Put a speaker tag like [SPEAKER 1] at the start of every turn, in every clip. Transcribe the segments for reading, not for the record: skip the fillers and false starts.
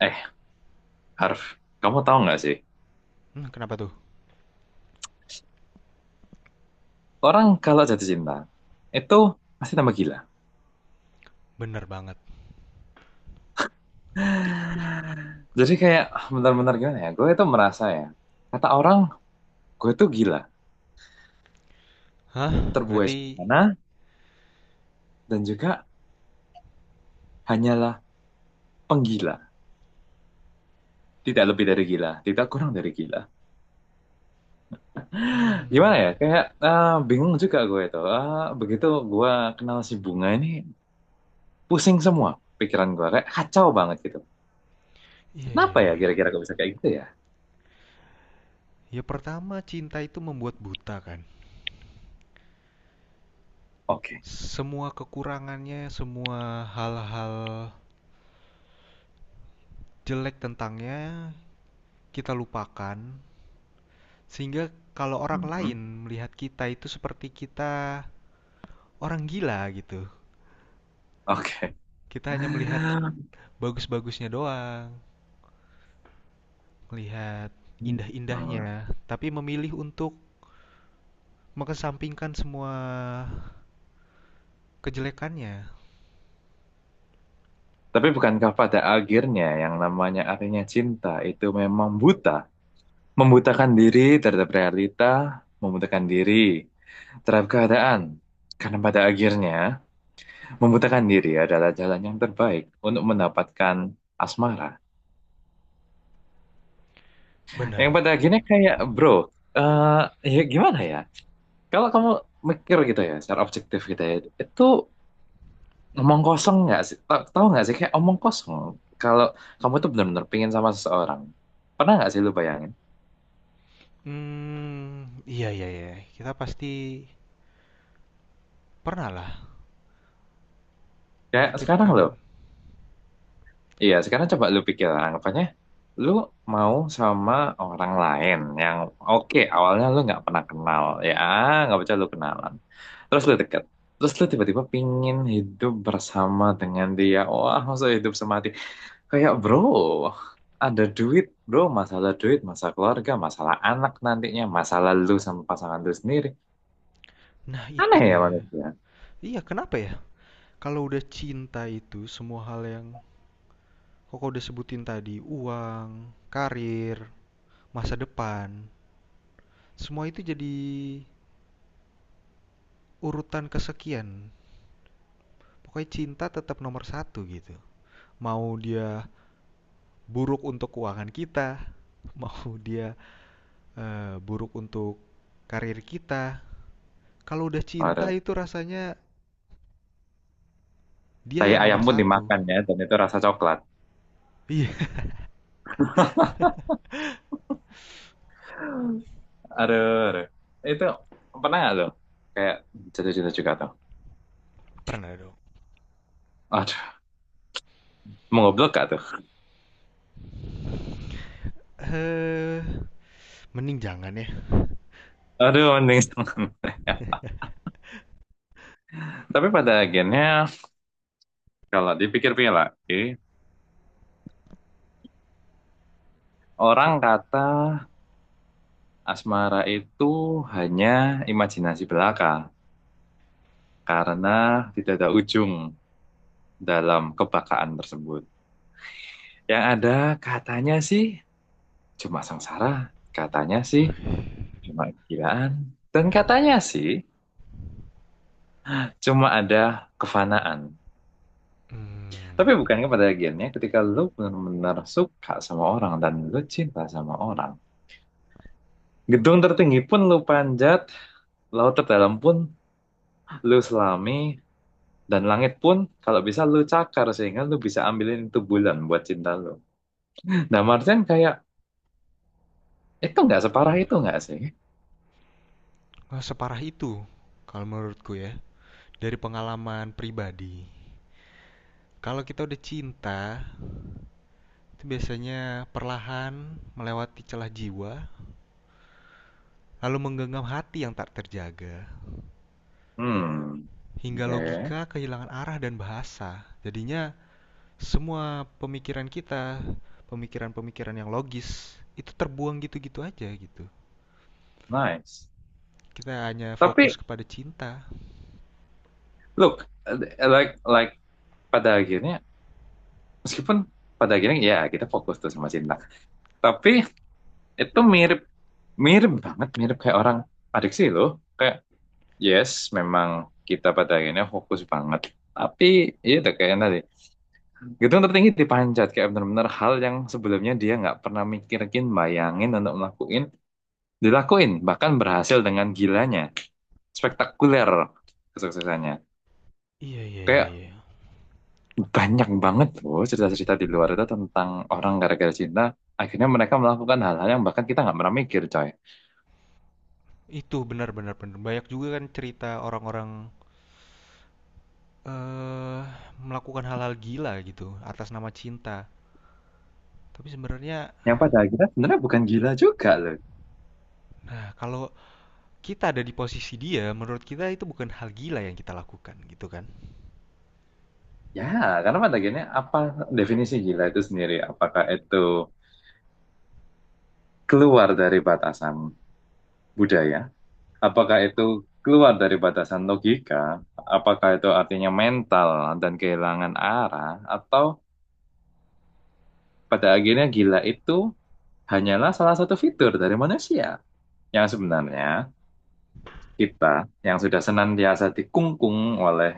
[SPEAKER 1] Eh, Harf, kamu tahu nggak sih?
[SPEAKER 2] Hmm, kenapa tuh?
[SPEAKER 1] Orang kalau jatuh cinta, itu pasti tambah gila.
[SPEAKER 2] Bener banget.
[SPEAKER 1] Jadi kayak benar-benar gimana ya? Gue itu merasa ya, kata orang, gue itu gila.
[SPEAKER 2] Hah?
[SPEAKER 1] Terbuai
[SPEAKER 2] Berarti...
[SPEAKER 1] sana dan juga hanyalah penggila. Tidak lebih dari gila, tidak kurang dari gila. Gimana
[SPEAKER 2] Hmm...
[SPEAKER 1] ya? Kayak bingung juga gue itu. Begitu gue kenal si Bunga ini, pusing semua pikiran gue. Kayak kacau banget gitu.
[SPEAKER 2] Iya, iya,
[SPEAKER 1] Kenapa ya
[SPEAKER 2] iya.
[SPEAKER 1] kira-kira gue bisa kayak gitu ya?
[SPEAKER 2] Ya pertama, cinta itu membuat buta kan.
[SPEAKER 1] Oke.
[SPEAKER 2] Semua kekurangannya, semua hal-hal jelek tentangnya kita lupakan. Sehingga kalau orang lain
[SPEAKER 1] Mhm.
[SPEAKER 2] melihat kita itu seperti kita orang gila gitu.
[SPEAKER 1] Oke.
[SPEAKER 2] Kita hanya melihat
[SPEAKER 1] Hmm.
[SPEAKER 2] bagus-bagusnya doang, melihat indah-indahnya, tapi memilih untuk mengesampingkan semua kejelekannya.
[SPEAKER 1] Tapi bukankah pada akhirnya yang namanya artinya cinta itu memang buta, membutakan diri terhadap realita, membutakan diri terhadap keadaan. Karena pada akhirnya membutakan diri adalah jalan yang terbaik untuk mendapatkan asmara. Yang
[SPEAKER 2] Benar.
[SPEAKER 1] pada akhirnya kayak bro, eh ya gimana ya? Kalau kamu mikir gitu ya, secara objektif gitu ya, itu omong kosong nggak sih? Tahu nggak sih kayak omong kosong. Kalau kamu tuh benar-benar pingin sama seseorang, pernah nggak sih lu bayangin?
[SPEAKER 2] Iya iya iya, kita pasti pernah lah
[SPEAKER 1] Kayak sekarang lo,
[SPEAKER 2] memikirkan
[SPEAKER 1] iya sekarang coba lu pikir anggapannya lu mau sama orang lain yang oke awalnya lu nggak pernah kenal ya nggak percaya lu kenalan terus lu deket terus lu tiba-tiba pingin hidup bersama dengan dia, wah masa hidup semati. Kayak bro, ada duit bro, masalah duit, masalah keluarga, masalah anak nantinya, masalah lu sama pasangan lu sendiri.
[SPEAKER 2] nah itu
[SPEAKER 1] Aneh ya
[SPEAKER 2] dia.
[SPEAKER 1] manusia.
[SPEAKER 2] Iya, kenapa ya? Kalau udah cinta itu semua hal yang Kakak udah sebutin tadi, uang, karir, masa depan, semua itu jadi urutan kesekian. Pokoknya cinta tetap nomor satu gitu. Mau dia buruk untuk keuangan kita, mau dia, buruk untuk karir kita, kalau udah cinta
[SPEAKER 1] Ada
[SPEAKER 2] itu rasanya dia
[SPEAKER 1] tai
[SPEAKER 2] yang
[SPEAKER 1] ayam
[SPEAKER 2] nomor
[SPEAKER 1] pun
[SPEAKER 2] satu.
[SPEAKER 1] dimakan ya, dan itu rasa coklat.
[SPEAKER 2] Iya,
[SPEAKER 1] Aduh, aduh. Itu pernah nggak tuh? Kayak jatuh-jatuh juga tuh.
[SPEAKER 2] pernah dong.
[SPEAKER 1] Aduh, mau goblok gak tuh?
[SPEAKER 2] eh Mending jangan ya.
[SPEAKER 1] Aduh, mending setengah. Tapi pada akhirnya, kalau dipikir-pikir lagi, orang kata asmara itu hanya imajinasi belaka. Karena tidak ada ujung dalam kebakaan tersebut. Yang ada katanya sih cuma sengsara, katanya sih cuma kegilaan, dan katanya sih cuma ada kefanaan.
[SPEAKER 2] Hmm,
[SPEAKER 1] Tapi bukan kepada bagiannya ketika lu benar-benar suka sama orang dan lu cinta sama orang. Gedung tertinggi pun lu panjat, laut terdalam pun lu selami, dan langit pun kalau bisa lu cakar sehingga lu bisa ambilin itu bulan buat cinta lu. Nah Martian kayak, itu nggak separah itu nggak sih?
[SPEAKER 2] wah, separah itu kalau menurutku ya dari pengalaman pribadi. Kalau kita udah cinta, itu biasanya perlahan melewati celah jiwa, lalu menggenggam hati yang tak terjaga,
[SPEAKER 1] Hmm.
[SPEAKER 2] hingga
[SPEAKER 1] Okay.
[SPEAKER 2] logika kehilangan arah dan bahasa. Jadinya semua pemikiran kita, pemikiran-pemikiran yang logis itu terbuang gitu-gitu aja gitu.
[SPEAKER 1] Nice.
[SPEAKER 2] Kita hanya fokus
[SPEAKER 1] Tapi,
[SPEAKER 2] kepada cinta.
[SPEAKER 1] look, uh, like, like pada akhirnya, meskipun pada akhirnya ya kita fokus tuh sama cinta. Tapi itu mirip, mirip banget, mirip kayak orang adiksi loh. Kayak, yes, memang kita pada akhirnya fokus banget. Tapi, iya udah kayak tadi. Gedung tertinggi dipanjat kayak benar-benar hal yang sebelumnya dia nggak pernah mikirin, bayangin untuk melakuin, dilakuin. Bahkan berhasil dengan gilanya. Spektakuler kesuksesannya.
[SPEAKER 2] Iya iya iya
[SPEAKER 1] Kayak
[SPEAKER 2] iya.
[SPEAKER 1] banyak banget loh cerita-cerita di luar itu tentang orang gara-gara cinta akhirnya mereka melakukan hal-hal yang bahkan kita nggak pernah mikir coy.
[SPEAKER 2] Itu benar-benar benar. Banyak juga kan cerita orang-orang eh melakukan hal-hal gila gitu atas nama cinta. Tapi sebenarnya,
[SPEAKER 1] Yang pada akhirnya sebenarnya bukan gila juga loh,
[SPEAKER 2] nah kalau kita ada di posisi dia, menurut kita itu bukan hal gila yang kita lakukan gitu kan?
[SPEAKER 1] ya, karena pada akhirnya apa definisi gila itu sendiri? Apakah itu keluar dari batasan budaya, apakah itu keluar dari batasan logika, apakah itu artinya mental dan kehilangan arah, atau pada akhirnya gila itu hanyalah salah satu fitur dari manusia yang sebenarnya kita, yang sudah senantiasa dikungkung oleh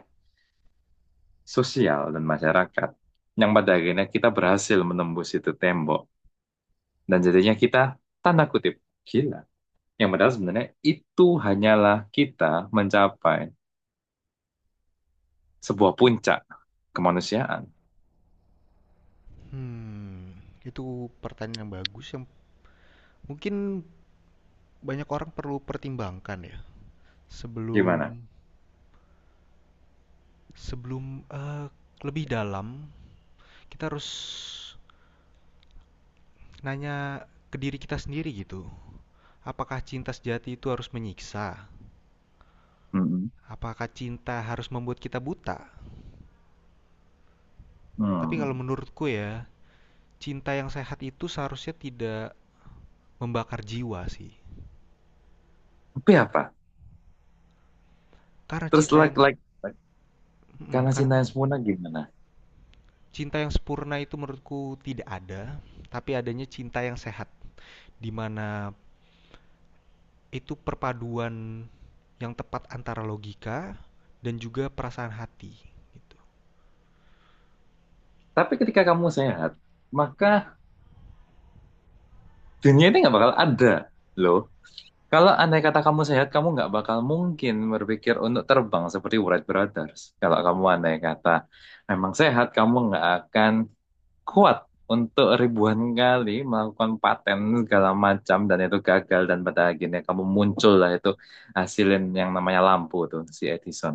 [SPEAKER 1] sosial dan masyarakat, yang pada akhirnya kita berhasil menembus itu tembok, dan jadinya kita, tanda kutip, gila. Yang padahal sebenarnya itu hanyalah kita mencapai sebuah puncak kemanusiaan.
[SPEAKER 2] Hmm, itu pertanyaan yang bagus yang mungkin banyak orang perlu pertimbangkan ya sebelum
[SPEAKER 1] Gimana?
[SPEAKER 2] sebelum eh, lebih dalam kita harus nanya ke diri kita sendiri gitu. Apakah cinta sejati itu harus menyiksa?
[SPEAKER 1] Mm-mm.
[SPEAKER 2] Apakah cinta harus membuat kita buta? Tapi kalau
[SPEAKER 1] Hmm.
[SPEAKER 2] menurutku ya, cinta yang sehat itu seharusnya tidak membakar jiwa sih.
[SPEAKER 1] Tapi apa?
[SPEAKER 2] Karena
[SPEAKER 1] Terus like, karena
[SPEAKER 2] mm,
[SPEAKER 1] cinta
[SPEAKER 2] karena
[SPEAKER 1] yang sempurna gimana?
[SPEAKER 2] cinta yang sempurna itu menurutku tidak ada, tapi adanya cinta yang sehat di mana itu perpaduan yang tepat antara logika dan juga perasaan hati gitu.
[SPEAKER 1] Tapi ketika kamu sehat, maka dunia ini nggak bakal ada loh. Kalau andai kata kamu sehat, kamu nggak bakal mungkin berpikir untuk terbang seperti Wright Brothers. Kalau kamu andai kata memang sehat, kamu nggak akan kuat untuk ribuan kali melakukan paten segala macam dan itu gagal dan pada akhirnya kamu muncul lah itu hasilin yang namanya lampu tuh si Edison.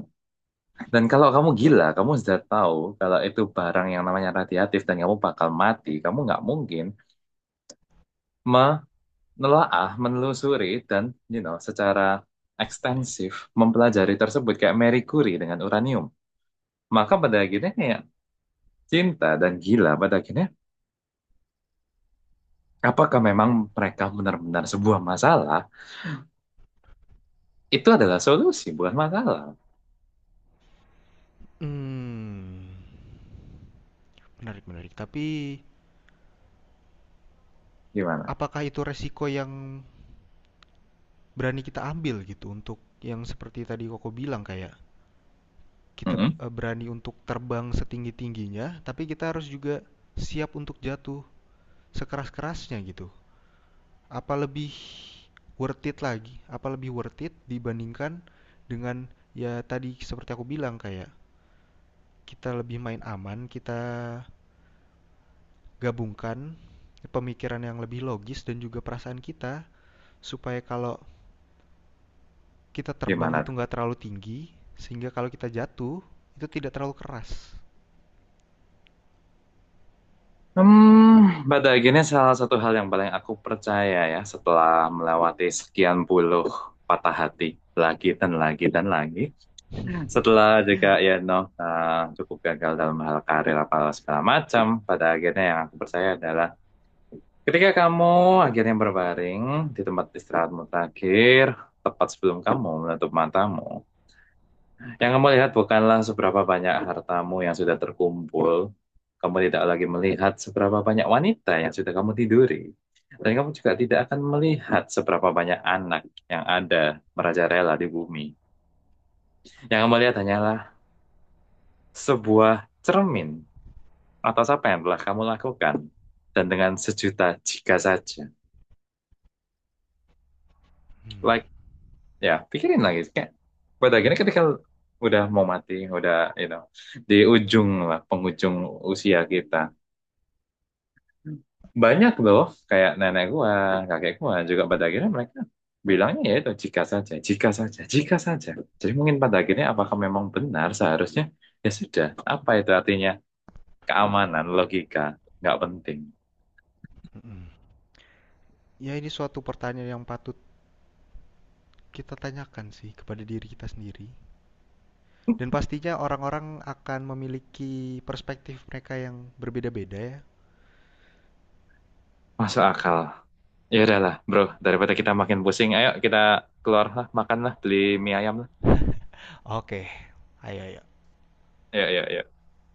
[SPEAKER 1] Dan kalau kamu gila, kamu sudah tahu kalau itu barang yang namanya radiatif dan kamu bakal mati, kamu nggak mungkin nelaah, menelusuri dan you know secara
[SPEAKER 2] Iya.
[SPEAKER 1] ekstensif mempelajari tersebut kayak Marie Curie dengan uranium. Maka pada akhirnya kayak cinta dan gila pada akhirnya apakah memang mereka benar-benar sebuah masalah? Itu adalah solusi bukan masalah.
[SPEAKER 2] Hmm. Menarik, menarik. Tapi
[SPEAKER 1] Gimana?
[SPEAKER 2] apakah itu resiko yang berani kita ambil gitu untuk yang seperti tadi Koko bilang kayak kita
[SPEAKER 1] Mm-mm.
[SPEAKER 2] berani untuk terbang setinggi-tingginya, tapi kita harus juga siap untuk jatuh sekeras-kerasnya gitu. Apa lebih worth it lagi? Apa lebih worth it dibandingkan dengan ya tadi seperti aku bilang kayak kita lebih main aman, kita gabungkan pemikiran yang lebih logis dan juga perasaan kita supaya kalau kita terbang
[SPEAKER 1] Gimana
[SPEAKER 2] itu
[SPEAKER 1] tuh?
[SPEAKER 2] nggak terlalu tinggi, sehingga kalau kita jatuh itu tidak terlalu keras.
[SPEAKER 1] Hmm, pada akhirnya salah satu hal yang paling aku percaya ya setelah melewati sekian puluh patah hati lagi dan lagi dan lagi. Setelah juga ya no eh, cukup gagal dalam hal karir apa segala macam, pada akhirnya yang aku percaya adalah ketika kamu akhirnya berbaring di tempat istirahatmu terakhir, tepat sebelum kamu menutup matamu, yang kamu lihat bukanlah seberapa banyak hartamu yang sudah terkumpul, kamu tidak lagi melihat seberapa banyak wanita yang sudah kamu tiduri, dan kamu juga tidak akan melihat seberapa banyak anak yang ada merajalela di bumi. Yang kamu lihat hanyalah sebuah cermin atas apa yang telah kamu lakukan dan dengan sejuta jika saja. Like, ya, pikirin lagi. Kayak, pada akhirnya ketika udah mau mati, udah, you know, di ujung lah, penghujung usia kita, banyak loh, kayak nenek gua, kakek gua, juga pada akhirnya mereka bilangnya ya itu jika saja, jika saja, jika saja. Jadi mungkin pada akhirnya apakah memang benar seharusnya, ya sudah, apa itu artinya keamanan, logika, nggak penting.
[SPEAKER 2] Mm-mm. Ya ini suatu pertanyaan yang patut kita tanyakan sih kepada diri kita sendiri. Dan pastinya orang-orang akan memiliki perspektif mereka yang berbeda-beda ya.
[SPEAKER 1] Masuk akal. Ya udahlah, bro. Daripada kita makin pusing, ayo kita keluar lah, makan lah, beli mie ayam lah.
[SPEAKER 2] Oke, ayo ayo.
[SPEAKER 1] Ya, ya, ya.